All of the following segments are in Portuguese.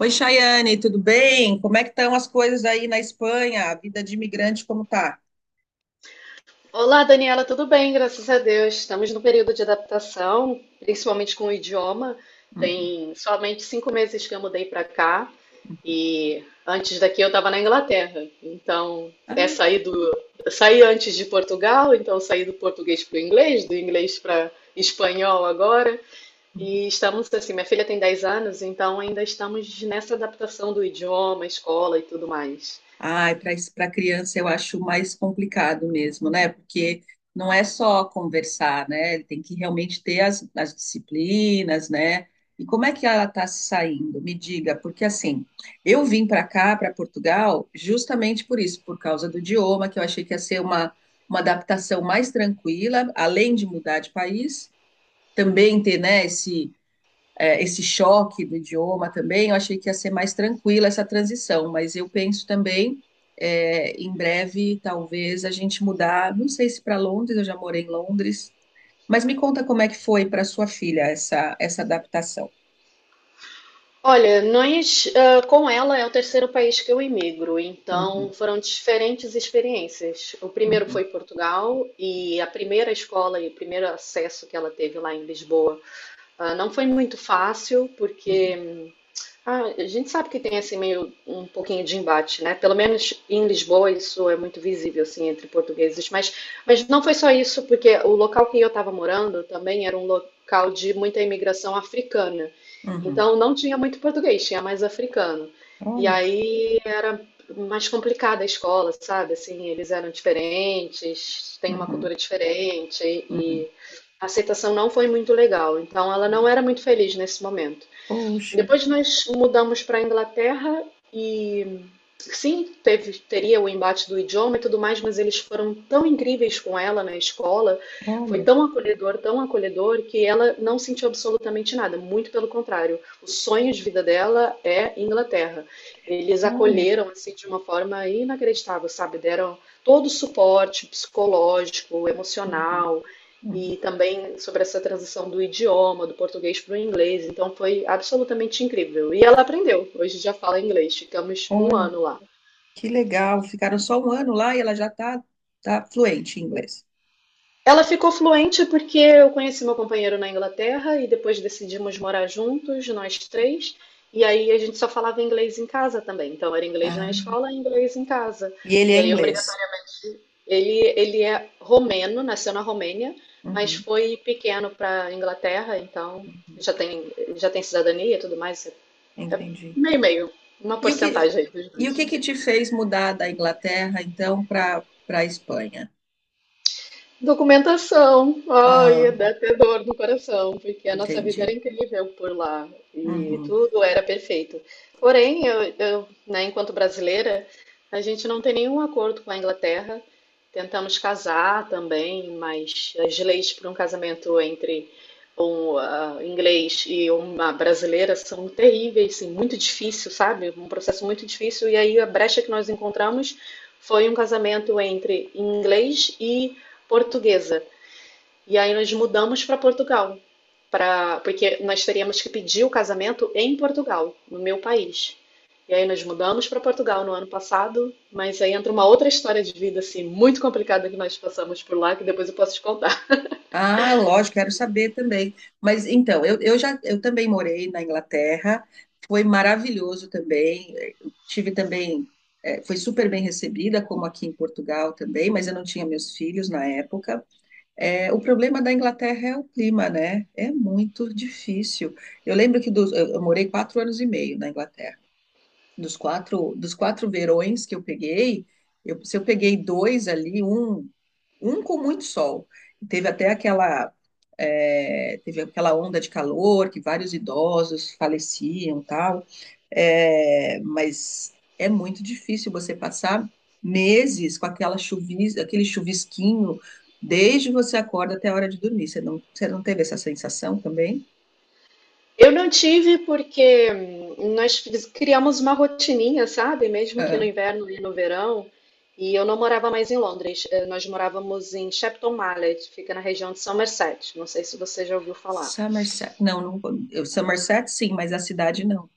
Oi, Chayane, tudo bem? Como é que estão as coisas aí na Espanha? A vida de imigrante, como tá? Olá, Daniela, tudo bem? Graças a Deus. Estamos no período de adaptação, principalmente com o idioma. Uhum. Tem somente 5 meses que eu mudei para cá e antes daqui eu estava na Inglaterra. Então, Ah, é sair do... saí antes de Portugal, então saí do português para o inglês, do inglês para espanhol agora. E estamos assim, minha filha tem 10 anos, então ainda estamos nessa adaptação do idioma, escola e tudo mais. ai, para criança eu acho mais complicado mesmo, né? Porque não é só conversar, né? Ele tem que realmente ter as disciplinas, né? E como é que ela está se saindo? Me diga, porque assim, eu vim para cá, para Portugal, justamente por isso, por causa do idioma, que eu achei que ia ser uma adaptação mais tranquila, além de mudar de país, também ter, né, esse choque do idioma também, eu achei que ia ser mais tranquila essa transição, mas eu penso também, em breve, talvez, a gente mudar, não sei se para Londres, eu já morei em Londres, mas me conta como é que foi para sua filha essa, essa adaptação. Olha, nós, com ela é o terceiro país que eu emigro, então Uhum, foram diferentes experiências. O primeiro uhum, foi Portugal e a primeira escola e o primeiro acesso que ela teve lá em Lisboa não foi muito fácil, uhum, porque a gente sabe que tem assim meio um pouquinho de embate, né? Pelo menos em Lisboa isso é muito visível assim entre portugueses, mas não foi só isso, porque o local que eu estava morando também era um local de muita imigração africana. uhum. Então não tinha muito português, tinha mais africano. E Olha, aí era mais complicada a escola, sabe? Assim, eles eram diferentes, têm uma uhum, cultura diferente uhum, e a aceitação não foi muito legal. Então ela não uhum. era muito feliz nesse momento. Poxa, Depois nós mudamos para a Inglaterra e sim, teve, teria o embate do idioma e tudo mais, mas eles foram tão incríveis com ela na escola, foi olha, tão acolhedor, que ela não sentiu absolutamente nada, muito pelo contrário. O sonho de vida dela é Inglaterra. Eles olha, acolheram assim de uma forma inacreditável, sabe? Deram todo o suporte psicológico, uhum, emocional, uhum. e também sobre essa transição do idioma, do português para o inglês. Então foi absolutamente incrível. E ela aprendeu, hoje já fala inglês, ficamos um Olha, ano lá. que legal. Ficaram só um ano lá e ela já está tá fluente em inglês. Ela ficou fluente porque eu conheci meu companheiro na Inglaterra e depois decidimos morar juntos, nós três. E aí a gente só falava inglês em casa também. Então era inglês na Ah, escola e inglês em casa. e ele E é aí, inglês. obrigatoriamente, ele é romeno, nasceu na Romênia, mas Uhum, foi pequeno para a Inglaterra, então uhum. já tem cidadania e tudo mais. É. Entendi. Meio, meio. Uma E o que, porcentagem aí dos e o dois. que que te fez mudar da Inglaterra, então, para a Espanha? Documentação. Ai, Ah, dá até dor no coração, porque a nossa vida era entendi. incrível por lá e Uhum. tudo era perfeito. Porém, né, enquanto brasileira, a gente não tem nenhum acordo com a Inglaterra. Tentamos casar também, mas as leis para um casamento entre um inglês e uma brasileira são terríveis, assim, muito difícil, sabe? Um processo muito difícil. E aí a brecha que nós encontramos foi um casamento entre inglês e portuguesa. E aí nós mudamos para Portugal, porque nós teríamos que pedir o casamento em Portugal, no meu país. E aí nós mudamos para Portugal no ano passado, mas aí entra uma outra história de vida assim muito complicada que nós passamos por lá, que depois eu posso te contar. Ah, lógico, quero saber também. Mas então, eu também morei na Inglaterra, foi maravilhoso também. Eu tive também, foi super bem recebida, como aqui em Portugal também, mas eu não tinha meus filhos na época. É, o problema da Inglaterra é o clima, né? É muito difícil. Eu lembro que eu morei 4 anos e meio na Inglaterra, dos quatro verões que eu peguei, se eu peguei dois ali, um com muito sol. Teve até aquela, teve aquela onda de calor que vários idosos faleciam, tal. É, mas é muito difícil você passar meses com aquele chuvisquinho desde você acorda até a hora de dormir. Você não teve essa sensação também? Eu não tive porque nós criamos uma rotininha, sabe? Mesmo que Ah, no inverno e no verão, e eu não morava mais em Londres. Nós morávamos em Shepton Mallet, fica na região de Somerset. Não sei se você já ouviu falar. Somerset, não, não, Somerset sim, mas a cidade não.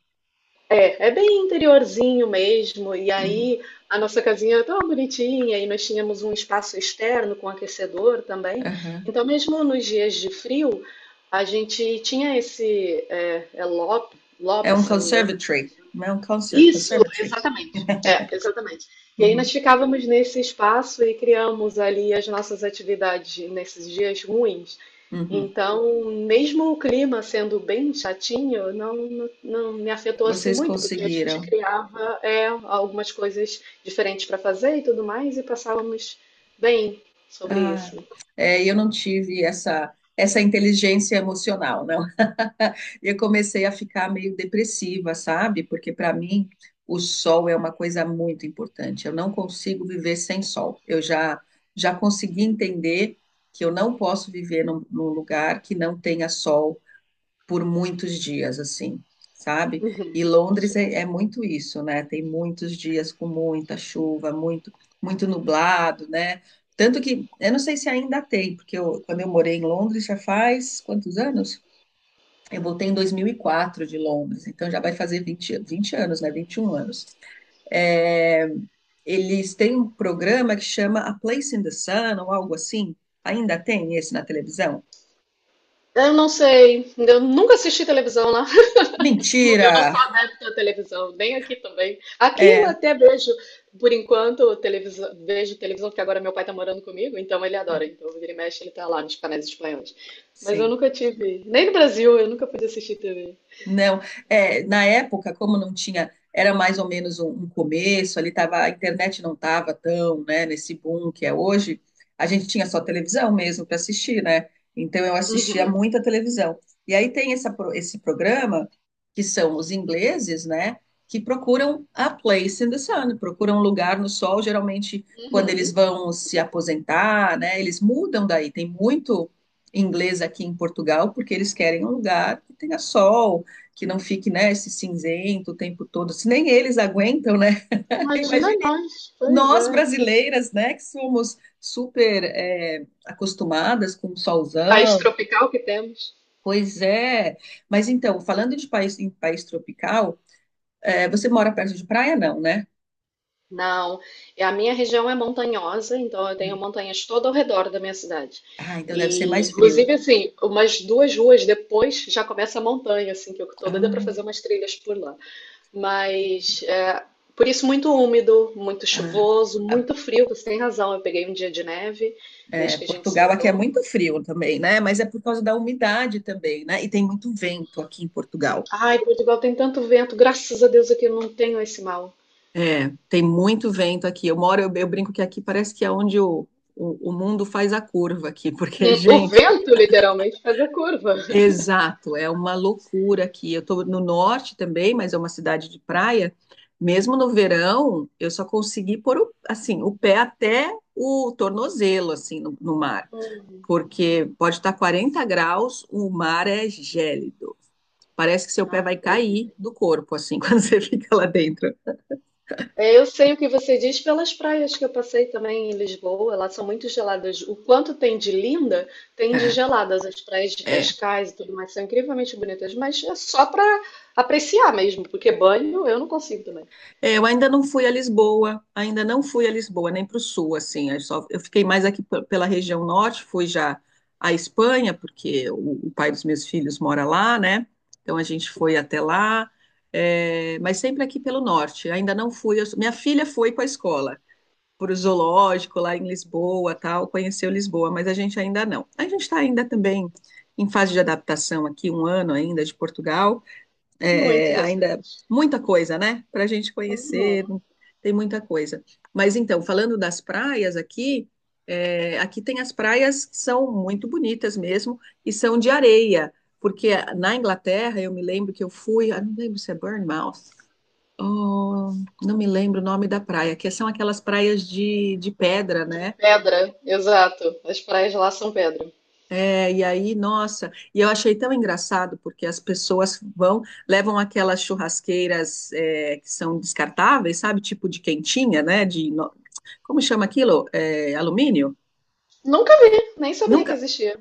É, é bem interiorzinho mesmo. E Uhum, aí a nossa casinha é tão bonitinha e nós tínhamos um espaço externo com aquecedor também. aham. Então, mesmo nos dias de frio, a gente tinha esse é, é lobby, É lobby, um se não me engano, conservatory, não é um conser isso, conservatory. exatamente. É, exatamente. E aí Uhum, nós ficávamos nesse espaço e criamos ali as nossas atividades nesses dias ruins. uhum. Então, mesmo o clima sendo bem chatinho, não me afetou assim Vocês muito, porque a gente conseguiram. criava algumas coisas diferentes para fazer e tudo mais, e passávamos bem sobre Ah, isso. é, eu não tive essa inteligência emocional, não. Eu comecei a ficar meio depressiva, sabe? Porque para mim o sol é uma coisa muito importante. Eu não consigo viver sem sol. Eu já consegui entender que eu não posso viver num, num lugar que não tenha sol por muitos dias, assim, sabe? Uhum. E Londres é muito isso, né? Tem muitos dias com muita chuva, muito, muito nublado, né? Tanto que eu não sei se ainda tem, porque quando eu morei em Londres já faz quantos anos? Eu voltei em 2004 de Londres, então já vai fazer vinte anos, né? 21 anos. É, eles têm um programa que chama A Place in the Sun ou algo assim. Ainda tem esse na televisão? Eu não sei, eu nunca assisti televisão, né? Mentira! Eu não sou adepta à televisão, nem aqui também. Aqui eu É, até vejo, por enquanto, televisão, vejo televisão, porque agora meu pai tá morando comigo, então ele adora. Então, vira e mexe, ele tá lá nos canais espanhóis. Mas eu sim. nunca tive, nem no Brasil, eu nunca pude assistir TV. Não, é, na época, como não tinha, era mais ou menos um começo, ali tava, a internet não estava tão, né, nesse boom que é hoje, a gente tinha só televisão mesmo para assistir, né? Então eu assistia Uhum, muita televisão. E aí tem essa, esse programa, que são os ingleses, né, que procuram a place in the sun, procuram um lugar no sol, geralmente quando uhum. eles vão se aposentar, né, eles mudam daí, tem muito inglês aqui em Portugal, porque eles querem um lugar que tenha sol, que não fique, né, esse cinzento o tempo todo, se nem eles aguentam, né? Imagina Imagina nós, pois nós é. brasileiras, né, que somos super é, acostumadas com o País solzão. tropical que temos. Pois é. Mas então, falando de país em país tropical, é, você mora perto de praia, não, né? Não, e a minha região é montanhosa, então eu tenho montanhas todo ao redor da minha cidade. Ah, então deve ser E, mais frio. inclusive, assim, umas duas ruas depois já começa a montanha, assim, que eu tô doida para fazer Ah, umas trilhas por lá. entendi. Mas, por isso, muito úmido, muito Ah, chuvoso, a- muito frio, você tem razão. Eu peguei um dia de neve é, desde que a gente se Portugal aqui é mudou. muito frio também, né? Mas é por causa da umidade também, né? E tem muito vento aqui em Portugal. Ai, Portugal tem tanto vento, graças a Deus aqui eu não tenho esse mal. É, tem muito vento aqui. Eu moro, eu brinco que aqui parece que é onde o mundo faz a curva aqui, porque, Hum. O gente, vento, literalmente, faz a curva. exato, é uma loucura aqui. Eu estou no norte também, mas é uma cidade de praia. Mesmo no verão, eu só consegui pôr o, assim, o pé até o tornozelo, assim, no, no mar. Porque pode estar 40 graus, o mar é gélido. Parece que seu pé Ah, vai cair do corpo, assim, quando você fica lá dentro. é, eu sei o que você diz pelas praias que eu passei também em Lisboa, elas são muito geladas. O quanto tem de linda, tem de É. geladas. As praias de É. Cascais e tudo mais são incrivelmente bonitas, mas é só para apreciar mesmo, porque banho eu não consigo também. É, eu ainda não fui a Lisboa, ainda não fui a Lisboa, nem para o sul, assim. Eu, só, eu fiquei mais aqui pela região norte, fui já à Espanha, porque o pai dos meus filhos mora lá, né? Então a gente foi até lá, é, mas sempre aqui pelo norte. Ainda não fui. Eu, minha filha foi com a escola, para o zoológico lá em Lisboa, tal, conheceu Lisboa, mas a gente ainda não. A gente está ainda também em fase de adaptação aqui, um ano ainda de Portugal, Muito ainda recente. muita coisa, né? Para a gente conhecer, Uhum. tem muita coisa. Mas então, falando das praias aqui, é, aqui tem as praias que são muito bonitas mesmo e são de areia. Porque na Inglaterra, eu me lembro que eu fui, ah, não lembro se é Bournemouth, oh, não me lembro o nome da praia, que são aquelas praias de pedra, né? Pedra, exato. As praias lá são pedra. É, e aí, nossa, e eu achei tão engraçado porque as pessoas vão, levam aquelas churrasqueiras é, que são descartáveis, sabe? Tipo de quentinha, né? De, como chama aquilo? É, alumínio? Nunca vi, nem sabia que Nunca. existia.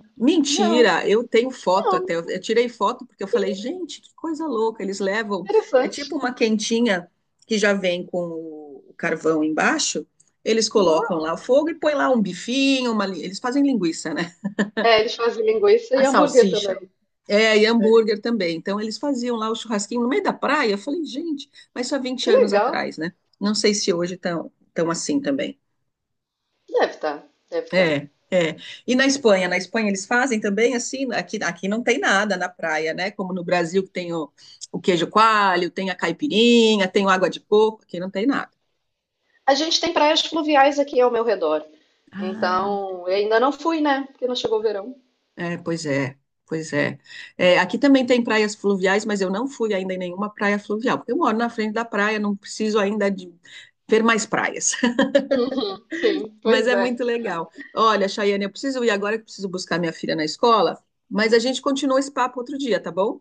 Não, Mentira, eu tenho foto não. até. Eu tirei foto porque eu falei, gente, que coisa louca. Eles levam. É tipo Interessante. uma quentinha que já vem com o carvão embaixo. Eles colocam Uau. lá o fogo e põe lá um bifinho, eles fazem linguiça, né? É, eles fazem linguiça A e hambúrguer também. salsicha. É, e É. hambúrguer também. Então, eles faziam lá o churrasquinho no meio da praia. Eu falei, gente, mas só vinte Que anos legal. atrás, né? Não sei se hoje estão tão assim também. Deve estar, deve estar. É, é. E na Espanha? Na Espanha eles fazem também assim? Aqui, aqui não tem nada na praia, né? Como no Brasil que tem o queijo coalho, tem a caipirinha, tem o água de coco. Aqui não tem nada. A gente tem praias fluviais aqui ao meu redor. Ah. Então, eu ainda não fui, né? Porque não chegou o verão. É, pois é, pois é. É, aqui também tem praias fluviais, mas eu não fui ainda em nenhuma praia fluvial, porque eu moro na frente da praia, não preciso ainda de ver mais praias. Uhum, sim, Mas pois é é. muito legal. Olha, Chayane, eu preciso ir agora que eu preciso buscar minha filha na escola, mas a gente continua esse papo outro dia, tá bom?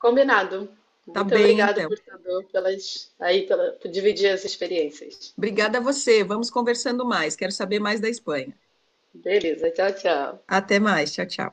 Combinado. Tá Muito bem, obrigado, então. portador, pelas aí pela, por dividir as experiências. Obrigada a você. Vamos conversando mais. Quero saber mais da Espanha. Beleza, tchau, tchau. Até mais. Tchau, tchau.